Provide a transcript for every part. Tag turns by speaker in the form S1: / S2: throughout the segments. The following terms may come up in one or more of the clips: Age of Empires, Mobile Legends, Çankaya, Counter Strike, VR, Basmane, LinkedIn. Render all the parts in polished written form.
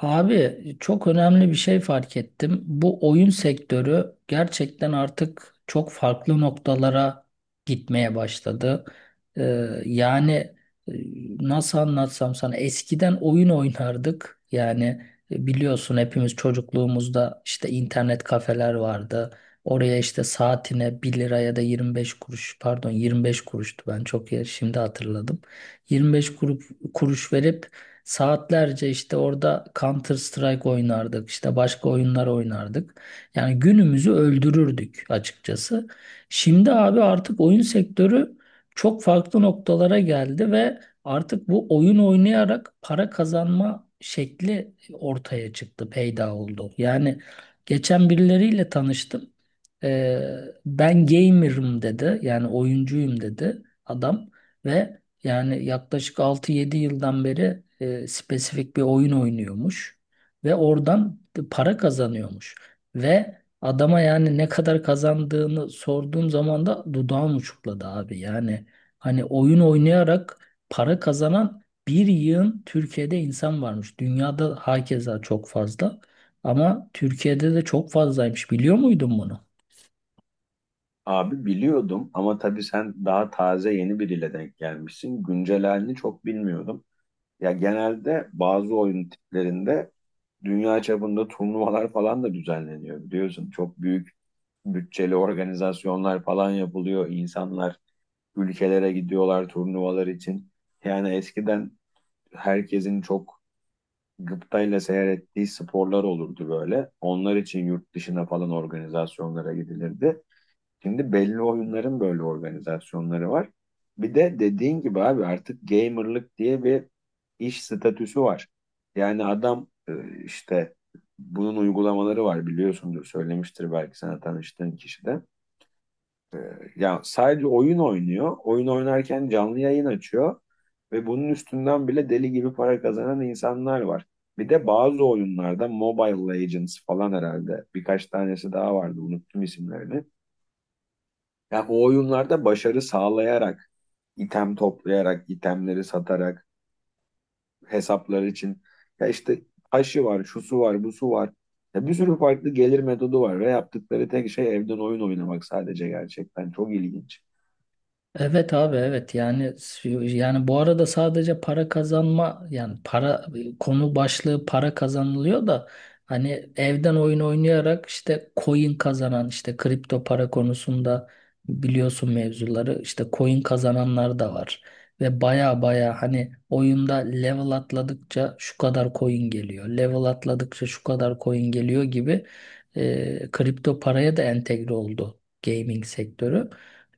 S1: Abi çok önemli bir şey fark ettim. Bu oyun sektörü gerçekten artık çok farklı noktalara gitmeye başladı. Ee, yani e, nasıl anlatsam sana eskiden oyun oynardık. Yani biliyorsun hepimiz çocukluğumuzda işte internet kafeler vardı. Oraya işte saatine bir lira ya da 25 kuruş, pardon, 25 kuruştu, ben çok, ya, şimdi hatırladım. 25 kuruş, kuruş verip saatlerce işte orada Counter Strike oynardık, işte başka oyunlar oynardık. Yani günümüzü öldürürdük açıkçası. Şimdi abi artık oyun sektörü çok farklı noktalara geldi ve artık bu oyun oynayarak para kazanma şekli ortaya çıktı, peyda oldu. Yani geçen birileriyle tanıştım. Ee, ben gamer'ım dedi, yani oyuncuyum dedi adam ve yani yaklaşık 6 7 yıldan beri spesifik bir oyun oynuyormuş ve oradan para kazanıyormuş. Ve adama, yani ne kadar kazandığını sorduğum zaman da dudağım uçukladı abi. Yani hani oyun oynayarak para kazanan bir yığın Türkiye'de insan varmış. Dünyada hakeza çok fazla, ama Türkiye'de de çok fazlaymış. Biliyor muydun bunu?
S2: Abi biliyordum ama tabii sen daha taze yeni biriyle denk gelmişsin. Güncel halini çok bilmiyordum. Ya genelde bazı oyun tiplerinde dünya çapında turnuvalar falan da düzenleniyor biliyorsun. Çok büyük bütçeli organizasyonlar falan yapılıyor. İnsanlar ülkelere gidiyorlar turnuvalar için. Yani eskiden herkesin çok gıptayla seyrettiği sporlar olurdu böyle. Onlar için yurt dışına falan organizasyonlara gidilirdi. Şimdi belli oyunların böyle organizasyonları var. Bir de dediğin gibi abi artık gamerlık diye bir iş statüsü var. Yani adam işte bunun uygulamaları var biliyorsundur söylemiştir belki sana tanıştığın kişi de. E, Ya sadece oyun oynuyor. Oyun oynarken canlı yayın açıyor ve bunun üstünden bile deli gibi para kazanan insanlar var. Bir de bazı oyunlarda Mobile Legends falan herhalde birkaç tanesi daha vardı unuttum isimlerini. Ya o oyunlarda başarı sağlayarak, item toplayarak, itemleri satarak, hesaplar için ya işte taşı var, şusu var, busu var. Ya bir sürü farklı gelir metodu var ve yaptıkları tek şey evden oyun oynamak sadece gerçekten çok ilginç.
S1: Evet abi, evet, yani bu arada sadece para kazanma, yani para konu başlığı, para kazanılıyor da hani evden oyun oynayarak işte coin kazanan, işte kripto para konusunda biliyorsun mevzuları, işte coin kazananlar da var ve baya baya hani oyunda level atladıkça şu kadar coin geliyor, level atladıkça şu kadar coin geliyor gibi, kripto paraya da entegre oldu gaming sektörü.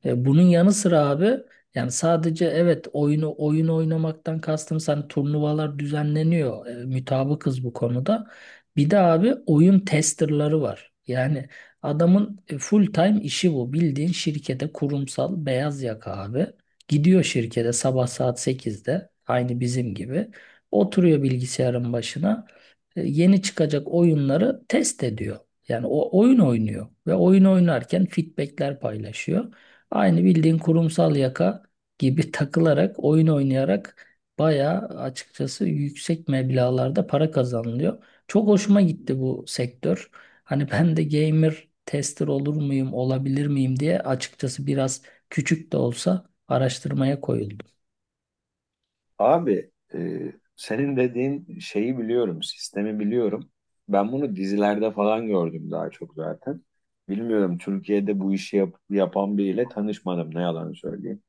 S1: Bunun yanı sıra abi, yani sadece evet oyunu oyun oynamaktan kastım, sen turnuvalar düzenleniyor. Mütabıkız bu konuda. Bir de abi oyun testerları var. Yani adamın full time işi bu. Bildiğin şirkete kurumsal beyaz yaka abi. Gidiyor şirkete sabah saat 8'de, aynı bizim gibi. Oturuyor bilgisayarın başına. Yeni çıkacak oyunları test ediyor. Yani o oyun oynuyor ve oyun oynarken feedbackler paylaşıyor. Aynı bildiğin kurumsal yaka gibi takılarak, oyun oynayarak bayağı açıkçası yüksek meblağlarda para kazanılıyor. Çok hoşuma gitti bu sektör. Hani ben de gamer tester olur muyum, olabilir miyim diye açıkçası biraz küçük de olsa araştırmaya koyuldum.
S2: Abi senin dediğin şeyi biliyorum, sistemi biliyorum. Ben bunu dizilerde falan gördüm daha çok zaten. Bilmiyorum Türkiye'de bu işi yapan biriyle tanışmadım ne yalan söyleyeyim.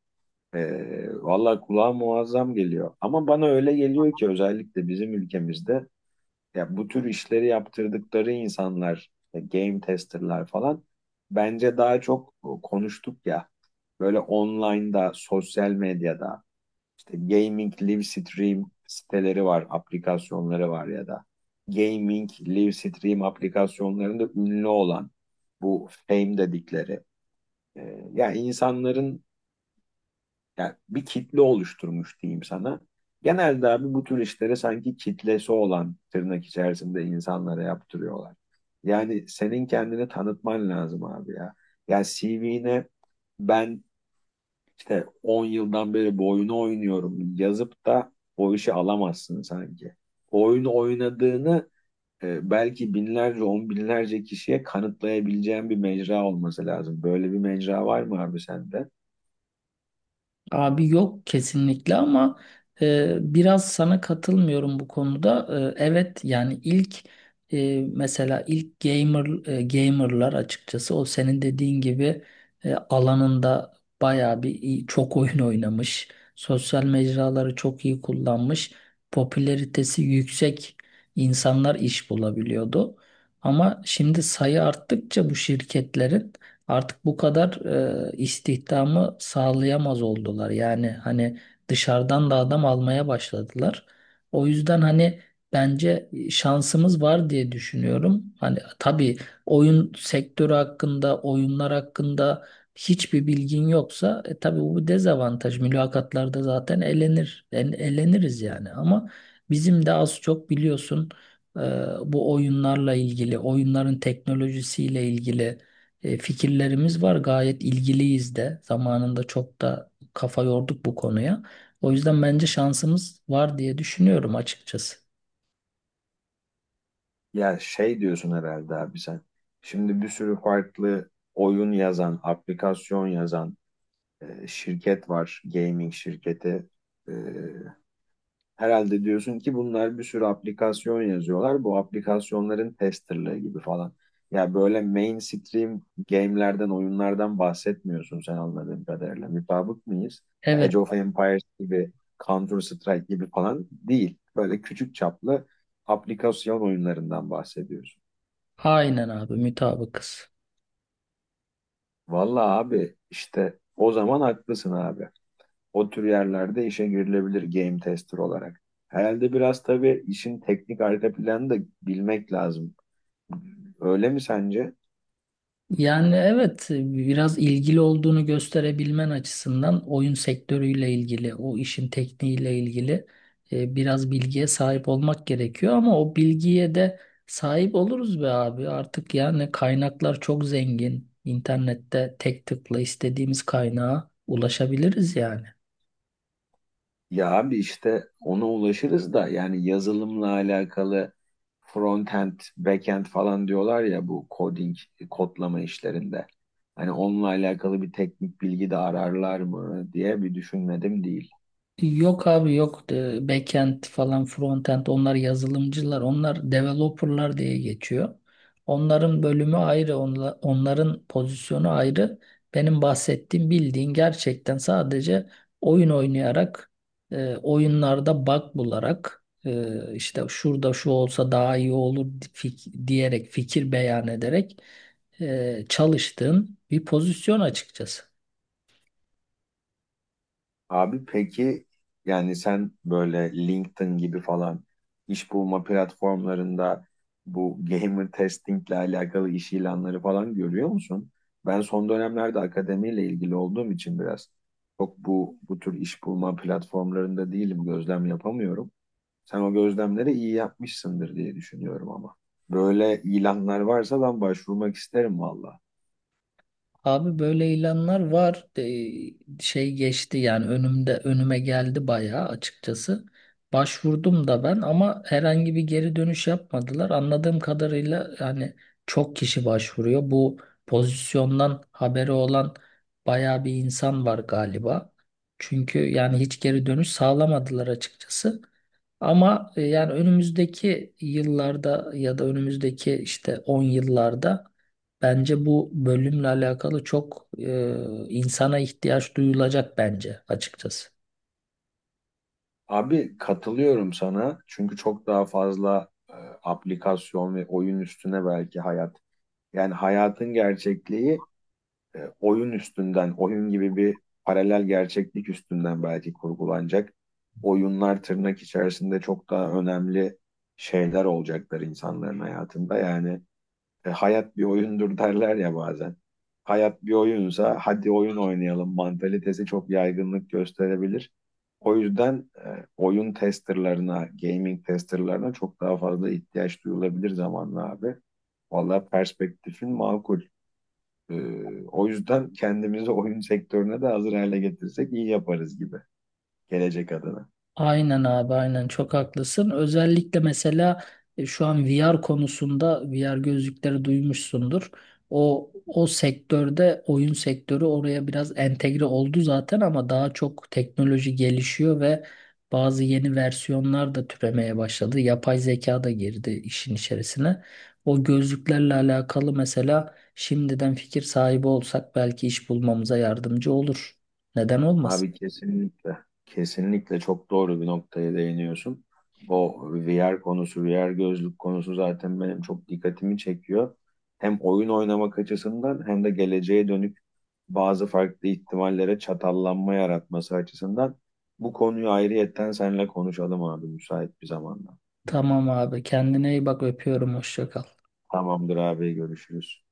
S2: Valla kulağa muazzam geliyor. Ama bana öyle geliyor ki özellikle bizim ülkemizde ya bu tür işleri yaptırdıkları insanlar, game testerlar falan bence daha çok o, konuştuk ya böyle online'da, sosyal medyada işte gaming live stream siteleri var, aplikasyonları var ya da gaming live stream aplikasyonlarında ünlü olan bu fame dedikleri ya insanların yani bir kitle oluşturmuş diyeyim sana. Genelde abi bu tür işleri sanki kitlesi olan tırnak içerisinde insanlara yaptırıyorlar. Yani senin kendini tanıtman lazım abi ya. Yani CV'ne ben işte 10 yıldan beri bu oyunu oynuyorum yazıp da o işi alamazsın sanki. O oyunu oynadığını belki binlerce, on binlerce kişiye kanıtlayabileceğin bir mecra olması lazım. Böyle bir mecra var mı abi sende?
S1: Abi yok kesinlikle, ama biraz sana katılmıyorum bu konuda. Evet, yani ilk mesela ilk gamer gamerlar açıkçası o senin dediğin gibi alanında bayağı bir çok oyun oynamış, sosyal mecraları çok iyi kullanmış, popülaritesi yüksek insanlar iş bulabiliyordu. Ama şimdi sayı arttıkça bu şirketlerin artık bu kadar istihdamı sağlayamaz oldular. Yani hani dışarıdan da adam almaya başladılar. O yüzden hani bence şansımız var diye düşünüyorum. Hani tabii oyun sektörü hakkında, oyunlar hakkında hiçbir bilgin yoksa tabii bu bir dezavantaj. Mülakatlarda zaten elenir, eleniriz yani. Ama bizim de az çok biliyorsun e, bu oyunlarla ilgili, oyunların teknolojisiyle ilgili fikirlerimiz var. Gayet ilgiliyiz de. Zamanında çok da kafa yorduk bu konuya. O yüzden bence şansımız var diye düşünüyorum açıkçası.
S2: Ya şey diyorsun herhalde abi sen. Şimdi bir sürü farklı oyun yazan, aplikasyon yazan şirket var. Gaming şirketi. E, Herhalde diyorsun ki bunlar bir sürü aplikasyon yazıyorlar. Bu aplikasyonların testerlığı gibi falan. Ya böyle mainstream game'lerden, oyunlardan bahsetmiyorsun sen anladığım kadarıyla. Mutabık mıyız? Ya
S1: Evet,
S2: Age of Empires gibi, Counter Strike gibi falan değil. Böyle küçük çaplı aplikasyon oyunlarından bahsediyorsun.
S1: aynen abi, mutabıkız.
S2: Vallahi abi işte o zaman haklısın abi. O tür yerlerde işe girilebilir game tester olarak. Herhalde biraz tabii işin teknik arka planı da bilmek lazım. Öyle mi sence?
S1: Yani evet, biraz ilgili olduğunu gösterebilmen açısından oyun sektörüyle ilgili, o işin tekniğiyle ilgili biraz bilgiye sahip olmak gerekiyor, ama o bilgiye de sahip oluruz be abi. Artık yani kaynaklar çok zengin. İnternette tek tıkla istediğimiz kaynağa ulaşabiliriz yani.
S2: Ya abi işte ona ulaşırız da yani yazılımla alakalı frontend, backend falan diyorlar ya bu coding, kodlama işlerinde. Hani onunla alakalı bir teknik bilgi de ararlar mı diye bir düşünmedim değil.
S1: Yok abi, yok. Backend falan, frontend, onlar yazılımcılar, onlar developerlar diye geçiyor. Onların bölümü ayrı, onların pozisyonu ayrı. Benim bahsettiğim bildiğin gerçekten sadece oyun oynayarak oyunlarda bug bularak, işte şurada şu olsa daha iyi olur diyerek, fikir beyan ederek çalıştığın bir pozisyon açıkçası.
S2: Abi peki yani sen böyle LinkedIn gibi falan iş bulma platformlarında bu gamer testingle alakalı iş ilanları falan görüyor musun? Ben son dönemlerde akademiyle ilgili olduğum için biraz çok bu tür iş bulma platformlarında değilim, gözlem yapamıyorum. Sen o gözlemleri iyi yapmışsındır diye düşünüyorum ama. Böyle ilanlar varsa ben başvurmak isterim valla.
S1: Abi böyle ilanlar var. Şey geçti, yani önümde, önüme geldi bayağı açıkçası. Başvurdum da ben, ama herhangi bir geri dönüş yapmadılar. Anladığım kadarıyla yani çok kişi başvuruyor. Bu pozisyondan haberi olan bayağı bir insan var galiba. Çünkü yani hiç geri dönüş sağlamadılar açıkçası. Ama yani önümüzdeki yıllarda ya da önümüzdeki işte 10 yıllarda bence bu bölümle alakalı çok insana ihtiyaç duyulacak bence açıkçası.
S2: Abi katılıyorum sana çünkü çok daha fazla aplikasyon ve oyun üstüne belki hayat. Yani hayatın gerçekliği oyun üstünden, oyun gibi bir paralel gerçeklik üstünden belki kurgulanacak. Oyunlar tırnak içerisinde çok daha önemli şeyler olacaklar insanların hayatında. Yani hayat bir oyundur derler ya bazen. Hayat bir oyunsa hadi oyun oynayalım mantalitesi çok yaygınlık gösterebilir. O yüzden oyun testerlarına, gaming testerlarına çok daha fazla ihtiyaç duyulabilir zamanla abi. Vallahi perspektifin makul. E, O yüzden kendimizi oyun sektörüne de hazır hale getirsek iyi yaparız gibi gelecek adına.
S1: Aynen abi, aynen, çok haklısın. Özellikle mesela şu an VR konusunda VR gözlükleri duymuşsundur. O sektörde oyun sektörü oraya biraz entegre oldu zaten, ama daha çok teknoloji gelişiyor ve bazı yeni versiyonlar da türemeye başladı. Yapay zeka da girdi işin içerisine. O gözlüklerle alakalı mesela şimdiden fikir sahibi olsak belki iş bulmamıza yardımcı olur. Neden olmasın?
S2: Abi kesinlikle, kesinlikle çok doğru bir noktaya değiniyorsun. O VR konusu, VR gözlük konusu zaten benim çok dikkatimi çekiyor. Hem oyun oynamak açısından hem de geleceğe dönük bazı farklı ihtimallere çatallanma yaratması açısından bu konuyu ayrıyetten seninle konuşalım abi müsait bir zamanda.
S1: Tamam abi, kendine iyi bak, öpüyorum, hoşça kal.
S2: Tamamdır abi görüşürüz.